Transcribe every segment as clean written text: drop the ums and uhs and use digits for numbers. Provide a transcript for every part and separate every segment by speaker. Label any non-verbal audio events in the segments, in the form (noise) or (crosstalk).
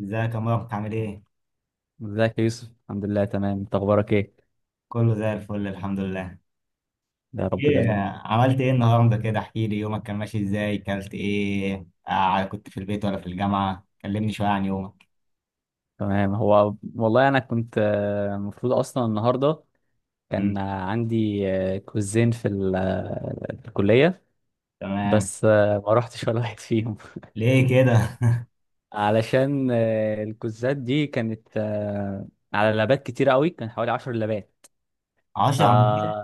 Speaker 1: ازيك يا مروه، بتعمل ايه؟
Speaker 2: ازيك يا يوسف؟ الحمد لله تمام. انت اخبارك ايه؟
Speaker 1: كله زي الفل الحمد لله.
Speaker 2: يا رب
Speaker 1: ايه؟
Speaker 2: دايما.
Speaker 1: عملت ايه النهارده؟ كده احكي لي، يومك كان ماشي ازاي؟ كلت ايه؟ كنت في البيت ولا في الجامعة؟ كلمني شوية عن يومك.
Speaker 2: تمام. هو والله انا كنت المفروض اصلا النهارده
Speaker 1: مم.
Speaker 2: كان عندي كوزين في الكليه.
Speaker 1: تمام.
Speaker 2: بس ما رحتش ولا واحد فيهم.
Speaker 1: ليه كده؟
Speaker 2: (laughs) علشان الكوزات دي كانت على لابات كتير قوي، كان حوالي 10 لابات.
Speaker 1: (laughs)
Speaker 2: ف
Speaker 1: 10 من عشرة؟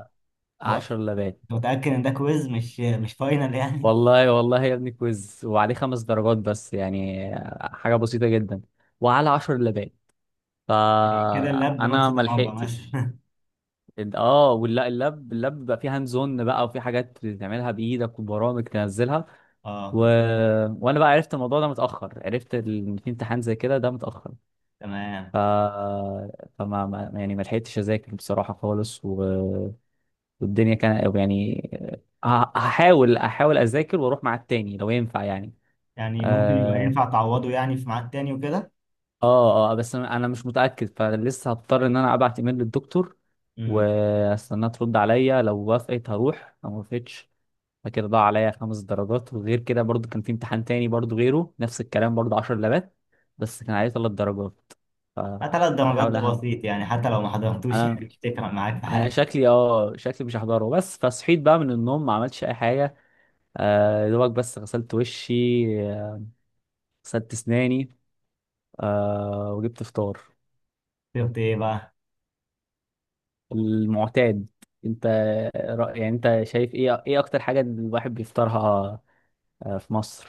Speaker 1: هو
Speaker 2: 10 لابات.
Speaker 1: انت متأكد ان ده كويز مش فاينل يعني؟
Speaker 2: والله والله يا ابني كويز وعليه 5 درجات، بس يعني حاجه بسيطه جدا، وعلى 10 لابات،
Speaker 1: (laughs) كده اللاب بنص
Speaker 2: فانا ما
Speaker 1: درجة
Speaker 2: لحقتش.
Speaker 1: مثلا؟
Speaker 2: اه، ولا اللاب بقى فيه هاند زون، بقى وفي حاجات تعملها بايدك وبرامج تنزلها.
Speaker 1: (laughs)
Speaker 2: و...
Speaker 1: اه.
Speaker 2: وانا بقى عرفت الموضوع ده متاخر، عرفت ان في امتحان زي كده ده متاخر.
Speaker 1: تمام.
Speaker 2: ف... فما ما... يعني ما لحقتش اذاكر بصراحه خالص والدنيا كان يعني هحاول اذاكر واروح مع التاني لو ينفع يعني.
Speaker 1: يعني ممكن يبقى
Speaker 2: آه،
Speaker 1: ينفع تعوضه، يعني في ميعاد تاني وكده.
Speaker 2: اه بس انا مش متاكد، فلسه هضطر ان انا ابعت ايميل للدكتور
Speaker 1: امم.
Speaker 2: واستناها ترد عليا. لو وافقت هروح، لو ما وافقتش. فكده ضاع عليا 5 درجات. وغير كده برضو كان في امتحان تاني برضو غيره، نفس الكلام، برضو 10 لبات، بس كان عليه 3 درجات.
Speaker 1: ثلاث درجات
Speaker 2: فهحاول
Speaker 1: ده
Speaker 2: اهن
Speaker 1: بسيط يعني، حتى لو ما حضرتوش
Speaker 2: انا
Speaker 1: يعني مش تفرق معاك في
Speaker 2: انا
Speaker 1: حاجة.
Speaker 2: شكلي مش هحضره. بس فصحيت بقى من النوم ما عملتش اي حاجه. يا دوبك بس غسلت وشي، آه، غسلت اسناني، وجبت فطار.
Speaker 1: شفت ايه بقى؟
Speaker 2: المعتاد. انت يعني انت شايف ايه اكتر حاجة الواحد بيفطرها في مصر؟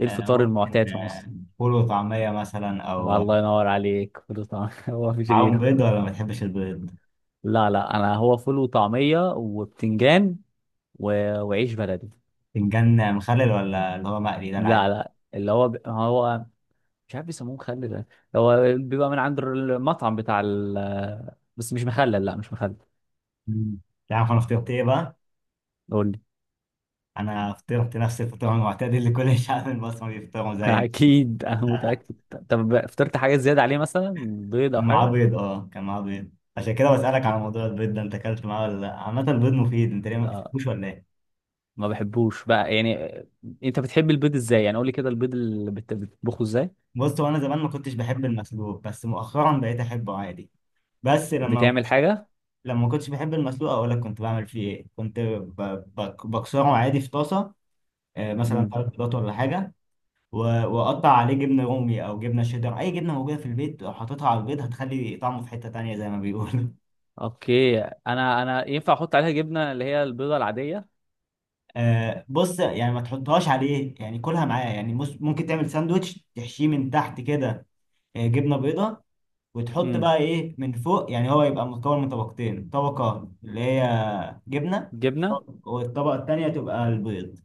Speaker 2: ايه
Speaker 1: آه،
Speaker 2: الفطار المعتاد
Speaker 1: ممكن
Speaker 2: في مصر؟
Speaker 1: فول وطعمية مثلا،
Speaker 2: طب
Speaker 1: أو
Speaker 2: الله ينور عليك. فول وطعمية؟ (laughs) هو مفيش
Speaker 1: معاهم
Speaker 2: غيره؟
Speaker 1: بيض؟ ولا ما بتحبش البيض؟
Speaker 2: لا لا، انا هو فول وطعمية وبتنجان و... وعيش بلدي.
Speaker 1: فنجان مخلل ولا اللي هو مقلي ده
Speaker 2: لا
Speaker 1: العادي؟
Speaker 2: لا، اللي هو هو مش عارف بيسموه مخلل ده. هو بيبقى من عند المطعم بتاع بس مش مخلل، لا مش مخلل.
Speaker 1: مم. تعرف أنا فطرت إيه بقى؟
Speaker 2: قول لي.
Speaker 1: أنا فطرت نفس الفطار المعتاد اللي كل (laughs) الشعب المصري بيفطروا
Speaker 2: (laughs)
Speaker 1: زيك.
Speaker 2: اكيد انا
Speaker 1: (laughs)
Speaker 2: متأكد. طب فطرت حاجة زيادة عليه مثلا؟ بيض او
Speaker 1: كان معاه
Speaker 2: حاجة؟
Speaker 1: بيض، أه كان معاه بيض. عشان كده بسألك على موضوع البيض ده، أنت أكلت معاه ولا لأ؟ عامة البيض مفيد، أنت ليه ما
Speaker 2: آه
Speaker 1: بتحبوش ولا إيه؟
Speaker 2: ما بحبوش بقى يعني. انت بتحب البيض ازاي يعني؟ قول لي كده البيض بتطبخه ازاي؟
Speaker 1: بص، هو أنا زمان ما كنتش بحب المسلوق، بس مؤخرا بقيت أحبه عادي. بس لما
Speaker 2: بتعمل حاجه؟
Speaker 1: لما ما كنتش بحب المسلوق، اقول لك كنت بعمل فيه ايه. كنت بكسره عادي في طاسه. مثلا
Speaker 2: امم.
Speaker 1: ثلاث بيضات ولا حاجه، و- واقطع عليه جبنه رومي او جبنه شيدر، اي جبنه موجوده في البيت. لو حطيتها على البيض هتخلي طعمه في حته تانية زي ما بيقولوا.
Speaker 2: اوكي، انا ينفع احط عليها جبنه اللي هي البيضه العاديه؟
Speaker 1: (laughs) بص يعني ما تحطهاش عليه يعني كلها معاه، يعني ممكن تعمل ساندوتش تحشيه من تحت كده، جبنه بيضه، وتحط
Speaker 2: امم.
Speaker 1: بقى ايه من فوق. يعني هو يبقى مكون من طبقتين، طبقه اللي هي جبنه،
Speaker 2: جبنه.
Speaker 1: والطبقه التانية تبقى البيض.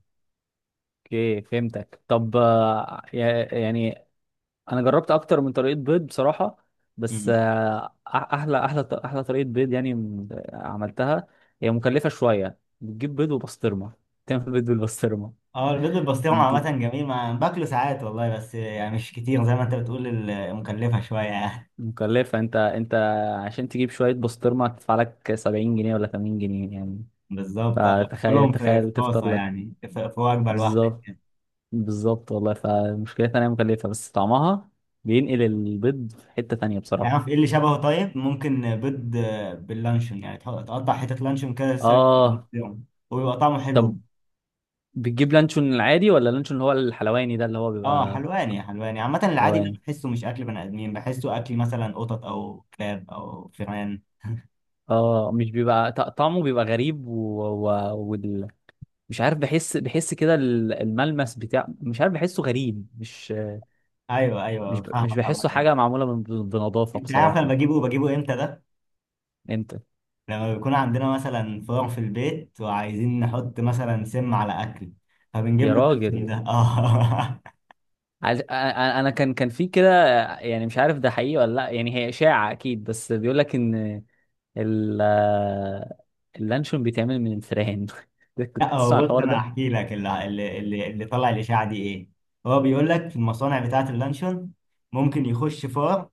Speaker 2: اوكي فهمتك. طب يعني انا جربت اكتر من طريقه بيض بصراحه، بس احلى طريقه بيض يعني عملتها، هي مكلفه شويه. بتجيب بيض وبسطرمه، تعمل بيض بالبسطرمه.
Speaker 1: اه البيض بالبسطرمة عامة جميل، ما باكله ساعات والله، بس يعني مش كتير، زي ما انت بتقول مكلفة شوية يعني.
Speaker 2: مكلفة. انت عشان تجيب شوية بسطرمة هتدفع لك 70 جنيه ولا 80 جنيه يعني.
Speaker 1: (laughs) بالظبط، اه،
Speaker 2: فتخيل
Speaker 1: كلهم في
Speaker 2: تخيل
Speaker 1: في
Speaker 2: تفطر
Speaker 1: طاسة
Speaker 2: لك.
Speaker 1: يعني، في وجبة لوحدك.
Speaker 2: بالظبط. بالظبط والله، فمشكلتها انها مكلفة بس طعمها بينقل البيض في حتة تانية بصراحة.
Speaker 1: تعرف ايه اللي شبهه؟ طيب، ممكن بيض باللانشون، يعني تقطع حتة لانشون كده سايز
Speaker 2: اه.
Speaker 1: بالبسطرمة، وبيبقى طعمه حلو.
Speaker 2: طب بتجيب لانشون العادي ولا اللانشون اللي هو الحلواني ده اللي هو
Speaker 1: اه،
Speaker 2: بيبقى؟
Speaker 1: حلواني، حلواني. عامة العادي ده
Speaker 2: حلواني.
Speaker 1: بحسه مش أكل بني آدمين، بحسه أكل مثلا قطط أو كلاب أو فئران.
Speaker 2: اه، مش بيبقى طعمه بيبقى غريب و... وال... مش عارف، بحس كده الملمس بتاع، مش عارف بحسه غريب،
Speaker 1: ايوه، ايوه،
Speaker 2: مش
Speaker 1: فاهمك.
Speaker 2: بحسه
Speaker 1: عامة
Speaker 2: حاجة معمولة بنظافة
Speaker 1: انت عارف انا
Speaker 2: بصراحة.
Speaker 1: بجيبه امتى ده؟
Speaker 2: انت.
Speaker 1: لما بيكون عندنا مثلا فار في البيت، وعايزين نحط مثلا سم على اكل، فبنجيب
Speaker 2: يا
Speaker 1: له السم
Speaker 2: راجل،
Speaker 1: ده. اه.
Speaker 2: انا كان في كده، يعني مش عارف ده حقيقي ولا لا، يعني هي إشاعة اكيد، بس بيقول لك ان ال... اللانشون بيتعمل من الفئران. (laughs)
Speaker 1: (laughs)
Speaker 2: كنت
Speaker 1: لا، هو
Speaker 2: تسمع
Speaker 1: بص،
Speaker 2: الحوار
Speaker 1: انا
Speaker 2: ده؟
Speaker 1: هحكي لك اللي طلع الاشاعه دي ايه. هو بيقول لك في المصانع بتاعه اللانشون ممكن يخش فار.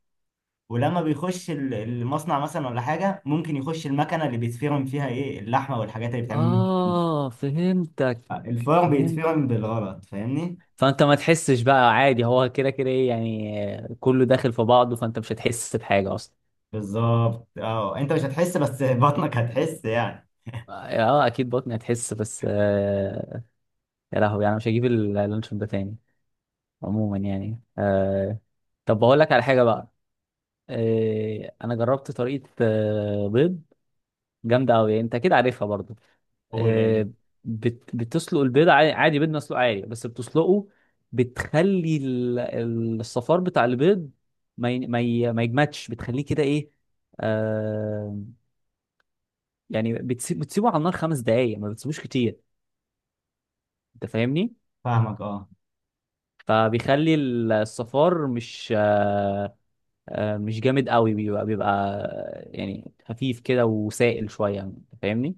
Speaker 1: ولما بيخش المصنع مثلا ولا حاجه، ممكن يخش المكنه اللي بيتفرم فيها ايه، اللحمه والحاجات اللي بتعمل منها.
Speaker 2: اه فهمتك.
Speaker 1: الفار
Speaker 2: فهمت.
Speaker 1: بيتفرم بالغلط، فاهمني؟
Speaker 2: فانت ما تحسش بقى عادي، هو كده كده ايه يعني، كله داخل في بعضه، فانت مش هتحس بحاجة اصلا.
Speaker 1: بالظبط، اه، انت مش هتحس، بس بطنك هتحس يعني.
Speaker 2: اه، اكيد بطني هتحس، بس يا لهوي انا مش هجيب اللانشون ده تاني. عموما يعني. طب بقول لك على حاجه بقى. انا جربت طريقه بيض جامده قوي، انت اكيد عارفها برضو.
Speaker 1: قول إيه.
Speaker 2: آه بتسلق البيض عادي، عادي بيض مسلوق عادي بس بتسلقه، بتخلي الصفار بتاع البيض ما يجمدش، بتخليه كده ايه. آه يعني بتسيبه على النار 5 دقايق، ما بتسيبوش كتير. انت فاهمني؟
Speaker 1: فاهمك، اه.
Speaker 2: فبيخلي الصفار مش مش جامد قوي، بيبقى يعني خفيف كده وسائل شويه. أنت فاهمني؟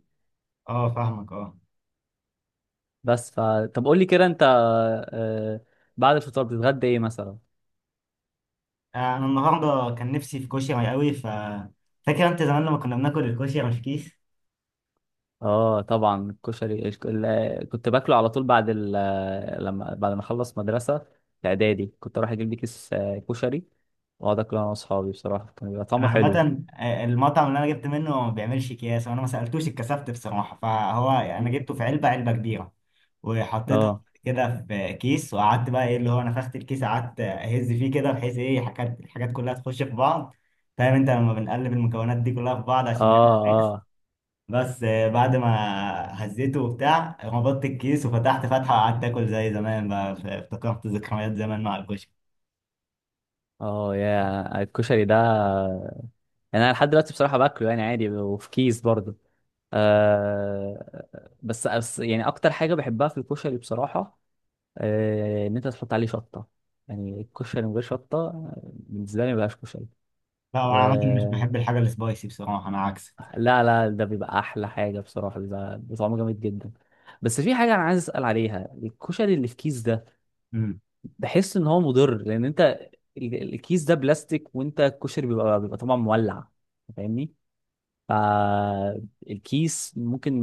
Speaker 1: اه، فاهمك، اه.
Speaker 2: بس ف طب قول لي كده انت، آه، بعد الفطار بتتغدى ايه مثلا؟
Speaker 1: انا النهارده كان نفسي في كشري قوي. فاكر انت زمان لما كنا بناكل الكشري مش كيس؟
Speaker 2: اه طبعا الكشري، كنت باكله على طول بعد لما بعد ما اخلص مدرسه، في اعدادي كنت اروح اجيب لي كيس كشري، واقعد اكله انا واصحابي. بصراحه كان بيبقى
Speaker 1: انا
Speaker 2: طعمه حلو.
Speaker 1: عامه المطعم اللي انا جبت منه ما بيعملش اكياس، وانا ما سالتوش، اتكسفت بصراحه. فهو يعني انا
Speaker 2: مم.
Speaker 1: جبته في علبه، علبه كبيره، وحطيتها
Speaker 2: اه،
Speaker 1: كده في كيس، وقعدت بقى ايه، اللي هو نفخت الكيس، قعدت اهز فيه كده، بحيث ايه، حاجات، الحاجات كلها تخش في بعض. فاهم انت لما بنقلب المكونات دي كلها في بعض عشان
Speaker 2: اه،
Speaker 1: نعمل mix؟
Speaker 2: اه،
Speaker 1: بس بعد ما هزيته وبتاع، ربطت الكيس، وفتحت فتحة، وقعدت اكل زي زمان بقى. افتكرت ذكريات زمان مع الكشري.
Speaker 2: اه. يا الكشري ده، يعني انا لحد دلوقتي بصراحه باكله يعني عادي، وفي كيس برضه. بس يعني اكتر حاجه بحبها في الكشري بصراحه، ان انت تحط عليه شطه. يعني الكشري من غير شطه بالنسبه لي ما بيبقاش كشري.
Speaker 1: لا، وانا
Speaker 2: و...
Speaker 1: عامة مش بحب الحاجة السبايسي بصراحة، انا عكسك.
Speaker 2: لا لا، ده بيبقى احلى حاجه بصراحه، بيبقى طعمه جامد جدا. بس في حاجه انا عايز اسال عليها، الكشري اللي في كيس ده،
Speaker 1: امم.
Speaker 2: بحس ان هو مضر. لان انت الكيس ده بلاستيك، وانت الكشري بيبقى طبعا مولع، فاهمني؟ فالكيس ممكن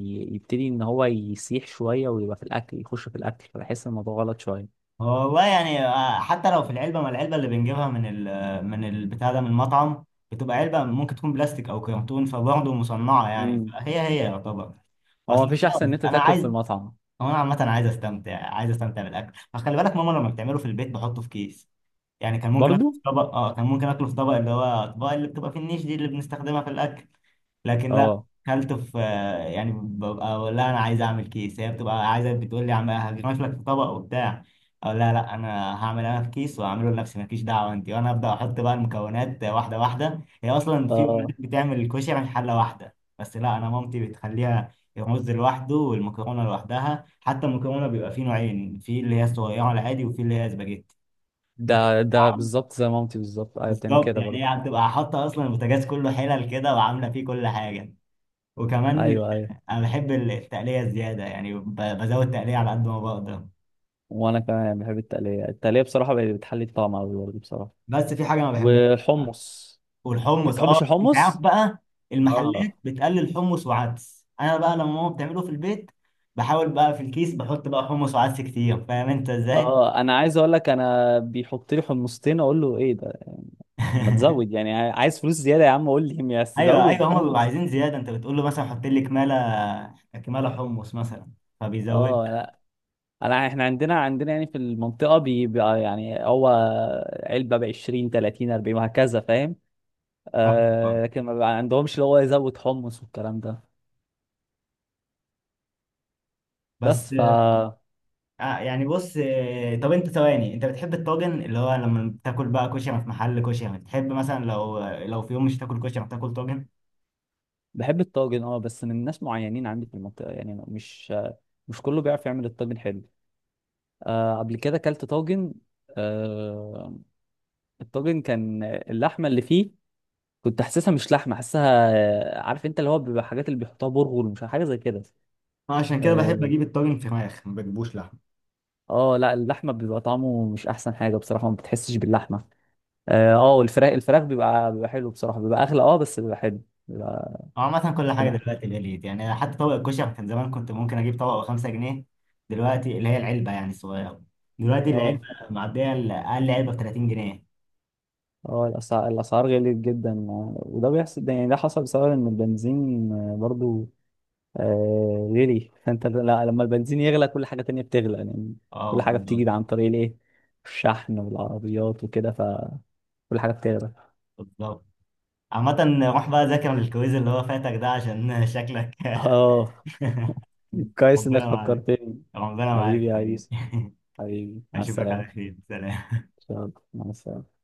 Speaker 2: يبتدي ان هو يسيح شويه، ويبقى في الاكل يخش في الاكل، فبحس إن الموضوع غلط شويه.
Speaker 1: هو والله يعني حتى لو في العلبة، ما العلبة اللي بنجيبها من ال، من البتاع ده، من المطعم، بتبقى علبة ممكن تكون بلاستيك او كرتون، فبرضه مصنعة يعني،
Speaker 2: امم.
Speaker 1: هي يعتبر.
Speaker 2: هو
Speaker 1: اصل
Speaker 2: مفيش احسن ان
Speaker 1: خلاص
Speaker 2: انت
Speaker 1: انا
Speaker 2: تاكل
Speaker 1: عايز،
Speaker 2: في المطعم.
Speaker 1: هو انا عامة عايز استمتع، عايز استمتع بالاكل. فخلي بالك، ماما لما بتعمله في البيت بحطه في كيس. يعني كان ممكن اكله
Speaker 2: برضو.
Speaker 1: في طبق، اه كان ممكن اكله في طبق، اللي هو الاطباق اللي بتبقى في النيش دي، اللي بنستخدمها في الاكل. لكن لا،
Speaker 2: اه،
Speaker 1: اكلته في يعني، ببقى اقول لها انا عايز اعمل كيس، هي بتبقى عايزه بتقول لي عم هجمش لك في طبق وبتاع. اقول لها لا، انا هعمل انا في كيس واعمله لنفسي، مالكيش دعوه انت وانا ابدا. احط بقى المكونات واحده واحده. هي اصلا في
Speaker 2: اه.
Speaker 1: امهات بتعمل الكشري من حله واحده، بس لا انا مامتي بتخليها الرز لوحده، والمكرونه لوحدها. حتى المكرونه بيبقى فيه نوعين، في اللي هي الصغيره العادي، وفي اللي هي سباجيتي.
Speaker 2: ده بالظبط زي مامتي بالظبط، ايوه بتعمل
Speaker 1: بالظبط،
Speaker 2: كده
Speaker 1: يعني
Speaker 2: برضو.
Speaker 1: هي هتبقى حاطه اصلا البوتاجاز كله حلل كده، وعامله فيه كل حاجه. وكمان
Speaker 2: ايوه، ايوه.
Speaker 1: انا بحب التقليه الزياده يعني، بزود تقليه على قد ما بقدر.
Speaker 2: وانا كمان بحب التقليه، التقليه بصراحه بقت بتحلي الطعم قوي برضه بصراحه.
Speaker 1: بس في حاجه ما بحبهاش،
Speaker 2: والحمص. انت
Speaker 1: والحمص. اه
Speaker 2: تحبش
Speaker 1: انت عارف
Speaker 2: الحمص؟
Speaker 1: بقى، المحلات
Speaker 2: اه،
Speaker 1: بتقلل حمص وعدس، انا بقى لما ماما بتعمله في البيت، بحاول بقى في الكيس بحط بقى حمص وعدس كتير. فاهم انت ازاي؟
Speaker 2: اه. انا عايز اقول لك، انا بيحط لي حمصتين، اقول له ايه ده يعني؟ ما تزود،
Speaker 1: (laughs)
Speaker 2: يعني عايز فلوس زياده يا عم؟ قول لي، (laughs) يا
Speaker 1: ايوه،
Speaker 2: زود
Speaker 1: ايوه، هم بيبقوا
Speaker 2: حمص.
Speaker 1: عايزين زياده. انت بتقول له مثلا حط لي كماله، كماله حمص مثلا، فبيزود.
Speaker 2: اه، لا، احنا عندنا يعني في المنطقه بيبقى يعني هو علبه ب 20 30 40 وهكذا، فاهم؟ لكن ما بيبقى عندهمش اللي هو يزود حمص والكلام ده.
Speaker 1: بس
Speaker 2: بس ف
Speaker 1: يعني بص، طب انت ثواني، انت بتحب الطاجن؟ اللي هو لما بتاكل بقى كشري في محل كشري، بتحب مثلا لو، لو في يوم مش تاكل كشري بتاكل طاجن؟
Speaker 2: بحب الطاجن اه، بس من ناس معينين عندي في المنطقه، يعني مش كله بيعرف يعمل الطاجن حلو. قبل كده اكلت طاجن، آه، الطاجن كان اللحمه اللي فيه كنت حاسسها مش لحمه، حاسسها عارف انت اللي هو بيبقى حاجات اللي بيحطوها برغل، مش حاجه زي كده.
Speaker 1: انا عشان كده بحب
Speaker 2: اه،
Speaker 1: اجيب الطاجن فراخ، ما بجيبوش لحمه.
Speaker 2: لا، اللحمه بيبقى طعمه مش احسن حاجه بصراحه، ما بتحسش باللحمه. اه، الفراخ بيبقى حلو بصراحه، بيبقى اغلى اه بس بيبقى حلو، بيبقى.
Speaker 1: هو عامه كل حاجه
Speaker 2: طمع.
Speaker 1: دلوقتي غليت يعني، حتى طبق الكشري كان زمان كنت ممكن اجيب طبق ب 5 جنيه. دلوقتي اللي هي العلبه يعني الصغيره، دلوقتي
Speaker 2: اه،
Speaker 1: العلبه معديه اقل علبه ب 30 جنيه.
Speaker 2: اه، الاسعار غليت جدا. وده بيحصل، ده يعني ده حصل بسبب ان البنزين برضو غلي. فانت لا، لما البنزين يغلى كل حاجه تانية بتغلى يعني.
Speaker 1: اه
Speaker 2: كل حاجه
Speaker 1: والله.
Speaker 2: بتيجي عن طريق الايه، الشحن والعربيات وكده، فكل حاجه بتغلى.
Speaker 1: بالظبط. عامة روح بقى ذاكر الكويز اللي هو فاتك ده، عشان شكلك.
Speaker 2: اه،
Speaker 1: (laughs)
Speaker 2: كويس انك
Speaker 1: ربنا معاك.
Speaker 2: فكرتني.
Speaker 1: ربنا معاك
Speaker 2: حبيبي
Speaker 1: يا
Speaker 2: يا
Speaker 1: حبيبي.
Speaker 2: عيسى.
Speaker 1: (laughs)
Speaker 2: حبيبي على
Speaker 1: اشوفك على
Speaker 2: السلامه.
Speaker 1: خير، سلام.
Speaker 2: إن شاء الله. مع السلامه.